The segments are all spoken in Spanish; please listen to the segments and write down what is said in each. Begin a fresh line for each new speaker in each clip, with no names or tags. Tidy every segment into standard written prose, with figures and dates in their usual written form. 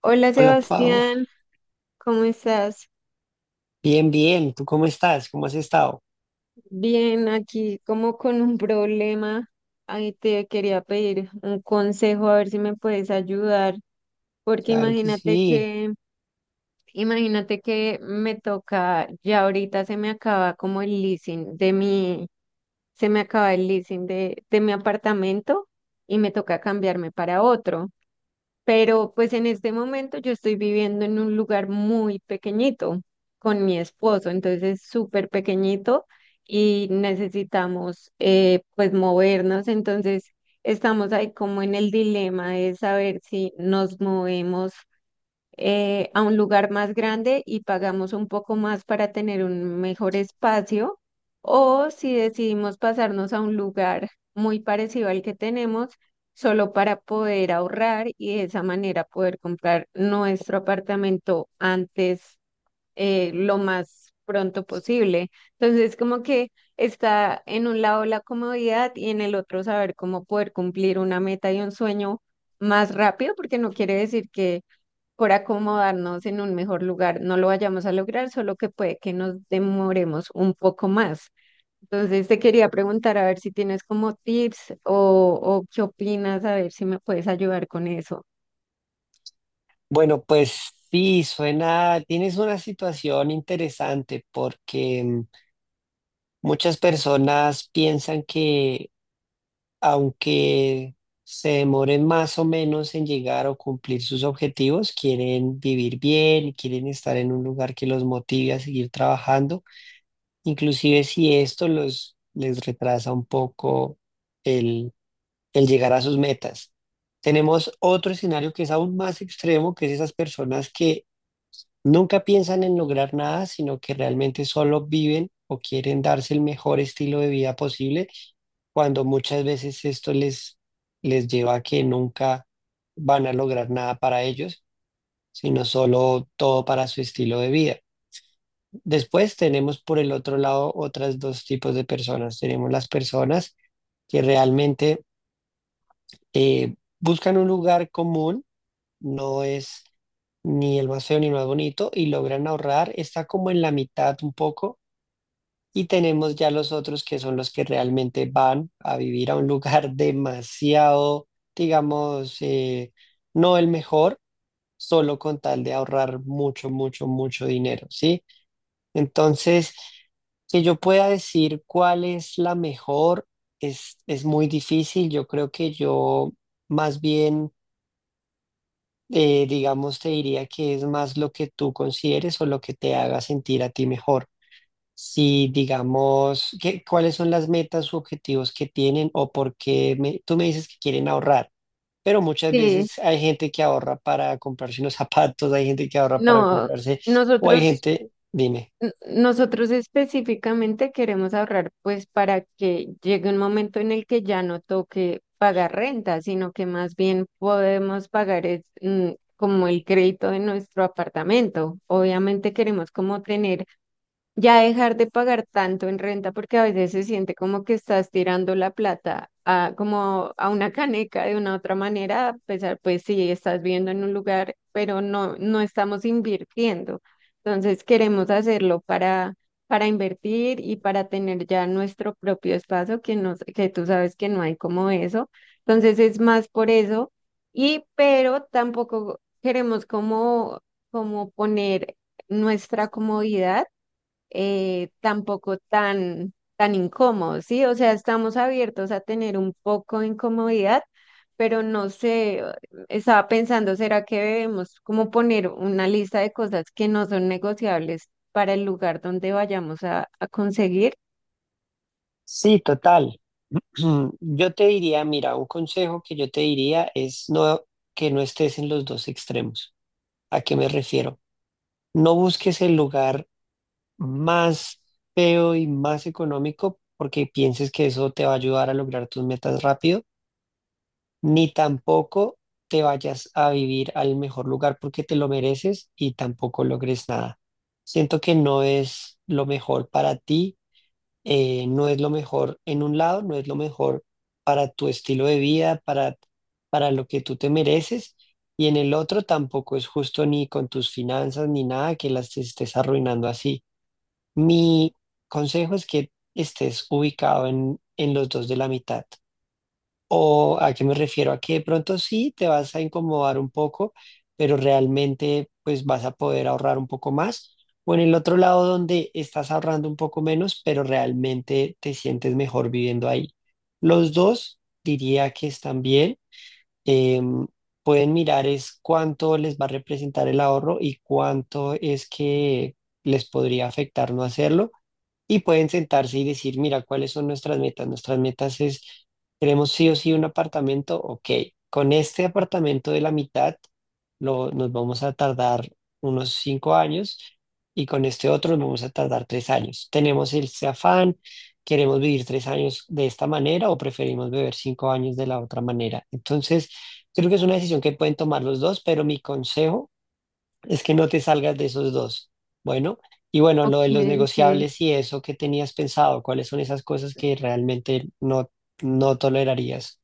Hola,
Hola, Pau.
Sebastián, ¿cómo estás?
Bien, bien. ¿Tú cómo estás? ¿Cómo has estado?
Bien, aquí como con un problema. Ahí te quería pedir un consejo a ver si me puedes ayudar, porque
Claro que sí.
imagínate que me toca, ya ahorita se me acaba como el leasing de mi, se me acaba el leasing de mi apartamento y me toca cambiarme para otro. Pero pues en este momento yo estoy viviendo en un lugar muy pequeñito con mi esposo, entonces es súper pequeñito y necesitamos pues movernos. Entonces estamos ahí como en el dilema de saber si nos movemos a un lugar más grande y pagamos un poco más para tener un mejor espacio, o si decidimos pasarnos a un lugar muy parecido al que tenemos, solo para poder ahorrar y de esa manera poder comprar nuestro apartamento antes, lo más pronto posible. Entonces, como que está en un lado la comodidad y en el otro saber cómo poder cumplir una meta y un sueño más rápido, porque no quiere decir que por acomodarnos en un mejor lugar no lo vayamos a lograr, solo que puede que nos demoremos un poco más. Entonces te quería preguntar a ver si tienes como tips o qué opinas, a ver si me puedes ayudar con eso.
Bueno, pues sí, tienes una situación interesante porque muchas personas piensan que aunque se demoren más o menos en llegar o cumplir sus objetivos, quieren vivir bien y quieren estar en un lugar que los motive a seguir trabajando, inclusive si esto les retrasa un poco el llegar a sus metas. Tenemos otro escenario que es aún más extremo, que es esas personas que nunca piensan en lograr nada, sino que realmente solo viven o quieren darse el mejor estilo de vida posible, cuando muchas veces esto les lleva a que nunca van a lograr nada para ellos, sino solo todo para su estilo de vida. Después tenemos por el otro lado otras dos tipos de personas. Tenemos las personas que realmente eh, buscan un lugar común, no es ni el más feo ni el más bonito y logran ahorrar, está como en la mitad un poco, y tenemos ya los otros que son los que realmente van a vivir a un lugar demasiado, digamos, no el mejor, solo con tal de ahorrar mucho, mucho, mucho dinero, ¿sí? Entonces, que yo pueda decir cuál es la mejor es muy difícil. Yo creo que yo más bien, digamos, te diría que es más lo que tú consideres o lo que te haga sentir a ti mejor. Si, digamos, qué cuáles son las metas u objetivos que tienen o tú me dices que quieren ahorrar, pero muchas
Sí.
veces hay gente que ahorra para comprarse unos zapatos, hay gente que ahorra para
No,
comprarse, o hay
nosotros
gente, dime,
Nosotros específicamente queremos ahorrar pues para que llegue un momento en el que ya no toque pagar renta, sino que más bien podemos pagar es, mm, como el crédito de nuestro apartamento. Obviamente queremos como tener ya dejar de pagar tanto en renta, porque a veces se siente como que estás tirando la plata a, como a una caneca de una otra manera. A pesar, pues sí, estás viviendo en un lugar, pero no estamos invirtiendo. Entonces queremos hacerlo para invertir y para tener ya nuestro propio espacio que, nos, que tú sabes que no hay como eso. Entonces es más por eso. Y pero tampoco queremos como, como poner nuestra comodidad tampoco tan incómodos, ¿sí? O sea, estamos abiertos a tener un poco de incomodidad, pero no sé, estaba pensando, ¿será que debemos como poner una lista de cosas que no son negociables para el lugar donde vayamos a conseguir?
sí, total. Yo te diría, mira, un consejo que yo te diría es no, que no estés en los dos extremos. ¿A qué me refiero? No busques el lugar más feo y más económico porque pienses que eso te va a ayudar a lograr tus metas rápido, ni tampoco te vayas a vivir al mejor lugar porque te lo mereces y tampoco logres nada. Siento que no es lo mejor para ti, no es lo mejor en un lado, no es lo mejor para tu estilo de vida, para lo que tú te mereces. Y en el otro tampoco es justo ni con tus finanzas ni nada que las estés arruinando así. Mi consejo es que estés ubicado en los dos de la mitad. ¿O a qué me refiero? A que de pronto sí te vas a incomodar un poco, pero realmente pues vas a poder ahorrar un poco más. O en el otro lado donde estás ahorrando un poco menos, pero realmente te sientes mejor viviendo ahí. Los dos diría que están bien. Em, pueden mirar es cuánto les va a representar el ahorro y cuánto es que les podría afectar no hacerlo, y pueden sentarse y decir, mira, ¿cuáles son nuestras metas? Nuestras metas es, queremos sí o sí un apartamento. Ok, con este apartamento de la mitad nos vamos a tardar unos 5 años, y con este otro nos vamos a tardar 3 años. Tenemos este afán, queremos vivir 3 años de esta manera o preferimos vivir 5 años de la otra manera. Entonces, creo que es una decisión que pueden tomar los dos, pero mi consejo es que no te salgas de esos dos. Bueno, y bueno,
Ok,
lo de los
sí.
negociables y eso que tenías pensado, ¿cuáles son esas cosas que realmente no tolerarías?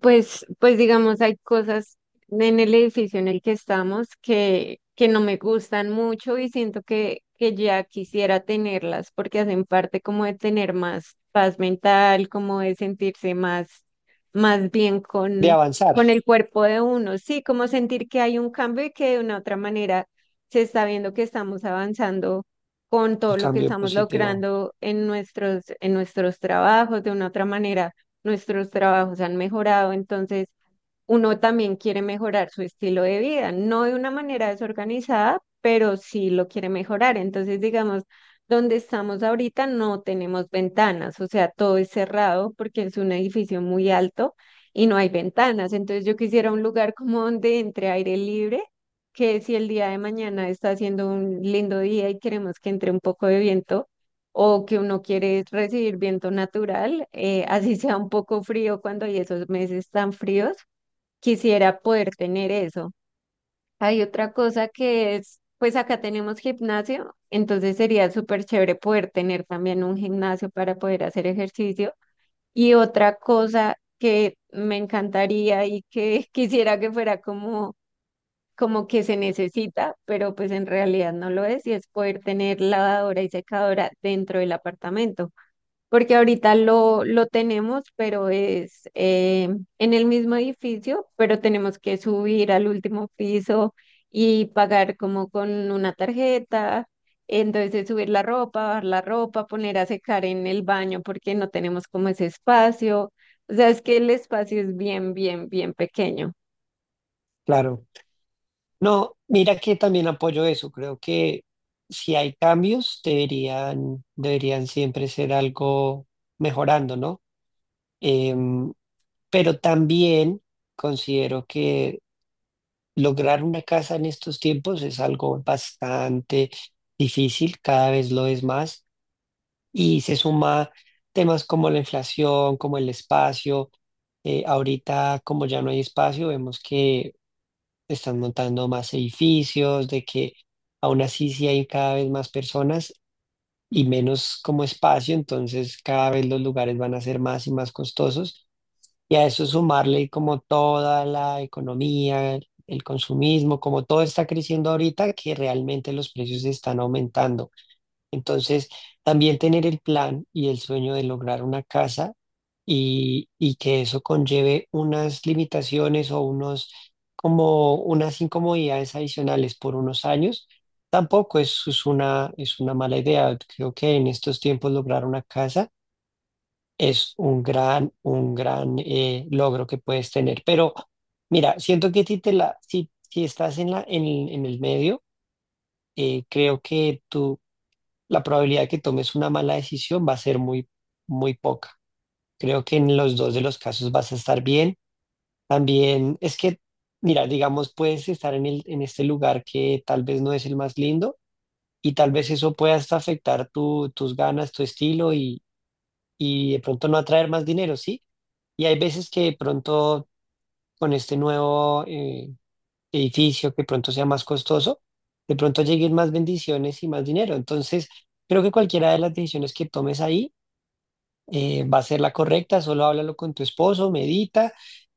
Pues digamos, hay cosas en el edificio en el que estamos que no me gustan mucho y siento que ya quisiera tenerlas porque hacen parte como de tener más paz mental, como de sentirse más, más bien
De avanzar,
con el cuerpo de uno. Sí, como sentir que hay un cambio y que de una u otra manera se está viendo que estamos avanzando con
el
todo lo que
cambio
estamos
positivo,
logrando en nuestros trabajos. De una u otra manera nuestros trabajos han mejorado, entonces uno también quiere mejorar su estilo de vida, no de una manera desorganizada, pero sí lo quiere mejorar. Entonces, digamos, donde estamos ahorita no tenemos ventanas, o sea, todo es cerrado porque es un edificio muy alto y no hay ventanas. Entonces, yo quisiera un lugar como donde entre aire libre, que si el día de mañana está haciendo un lindo día y queremos que entre un poco de viento, o que uno quiere recibir viento natural, así sea un poco frío cuando hay esos meses tan fríos, quisiera poder tener eso. Hay otra cosa que es, pues acá tenemos gimnasio, entonces sería súper chévere poder tener también un gimnasio para poder hacer ejercicio. Y otra cosa que me encantaría y que quisiera que fuera como, como que se necesita, pero pues en realidad no lo es, y es poder tener lavadora y secadora dentro del apartamento porque ahorita lo tenemos, pero es en el mismo edificio, pero tenemos que subir al último piso y pagar como con una tarjeta. Entonces subir la ropa, bajar la ropa, poner a secar en el baño porque no tenemos como ese espacio. O sea, es que el espacio es bien, bien, bien pequeño.
claro. No, mira que también apoyo eso. Creo que si hay cambios, deberían siempre ser algo mejorando, ¿no? Em, pero también considero que lograr una casa en estos tiempos es algo bastante difícil, cada vez lo es más, y se suma temas como la inflación, como el espacio. Ahorita, como ya no hay espacio, vemos que están montando más edificios, de que aún así sí hay cada vez más personas y menos como espacio, entonces cada vez los lugares van a ser más y más costosos. Y a eso sumarle como toda la economía, el consumismo, como todo está creciendo ahorita, que realmente los precios están aumentando. Entonces, también tener el plan y el sueño de lograr una casa y que eso conlleve unas limitaciones o como unas incomodidades adicionales por unos años, tampoco es una mala idea. Creo que en estos tiempos lograr una casa es un gran logro que puedes tener. Pero mira, siento que si estás en, la, en el medio, creo que la probabilidad de que tomes una mala decisión va a ser muy, muy poca. Creo que en los dos de los casos vas a estar bien. También es que, mira, digamos, puedes estar en este lugar que tal vez no es el más lindo. Y tal vez eso pueda hasta afectar tus ganas, tu estilo, y de pronto no atraer más dinero, ¿sí? Y hay veces que de pronto con este nuevo edificio que pronto sea más costoso, de pronto lleguen más bendiciones y más dinero. Entonces, creo que cualquiera de las decisiones que tomes ahí va a ser la correcta. Solo háblalo con tu esposo, medita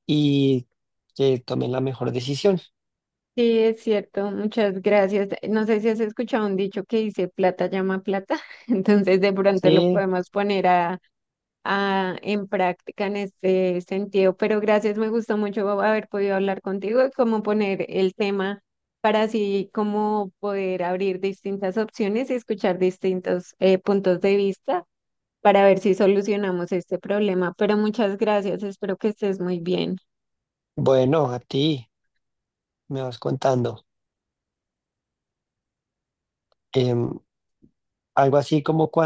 y que tomen la mejor decisión.
Sí, es cierto, muchas gracias. No sé si has escuchado un dicho que dice plata llama plata, entonces de pronto lo
Sí,
podemos poner a... ah, en práctica en este sentido. Pero gracias, me gustó mucho haber podido hablar contigo y cómo poner el tema para así como poder abrir distintas opciones y escuchar distintos puntos de vista para ver si solucionamos este problema. Pero muchas gracias, espero que estés muy bien.
bueno, a ti me vas contando. Em, algo así como cuando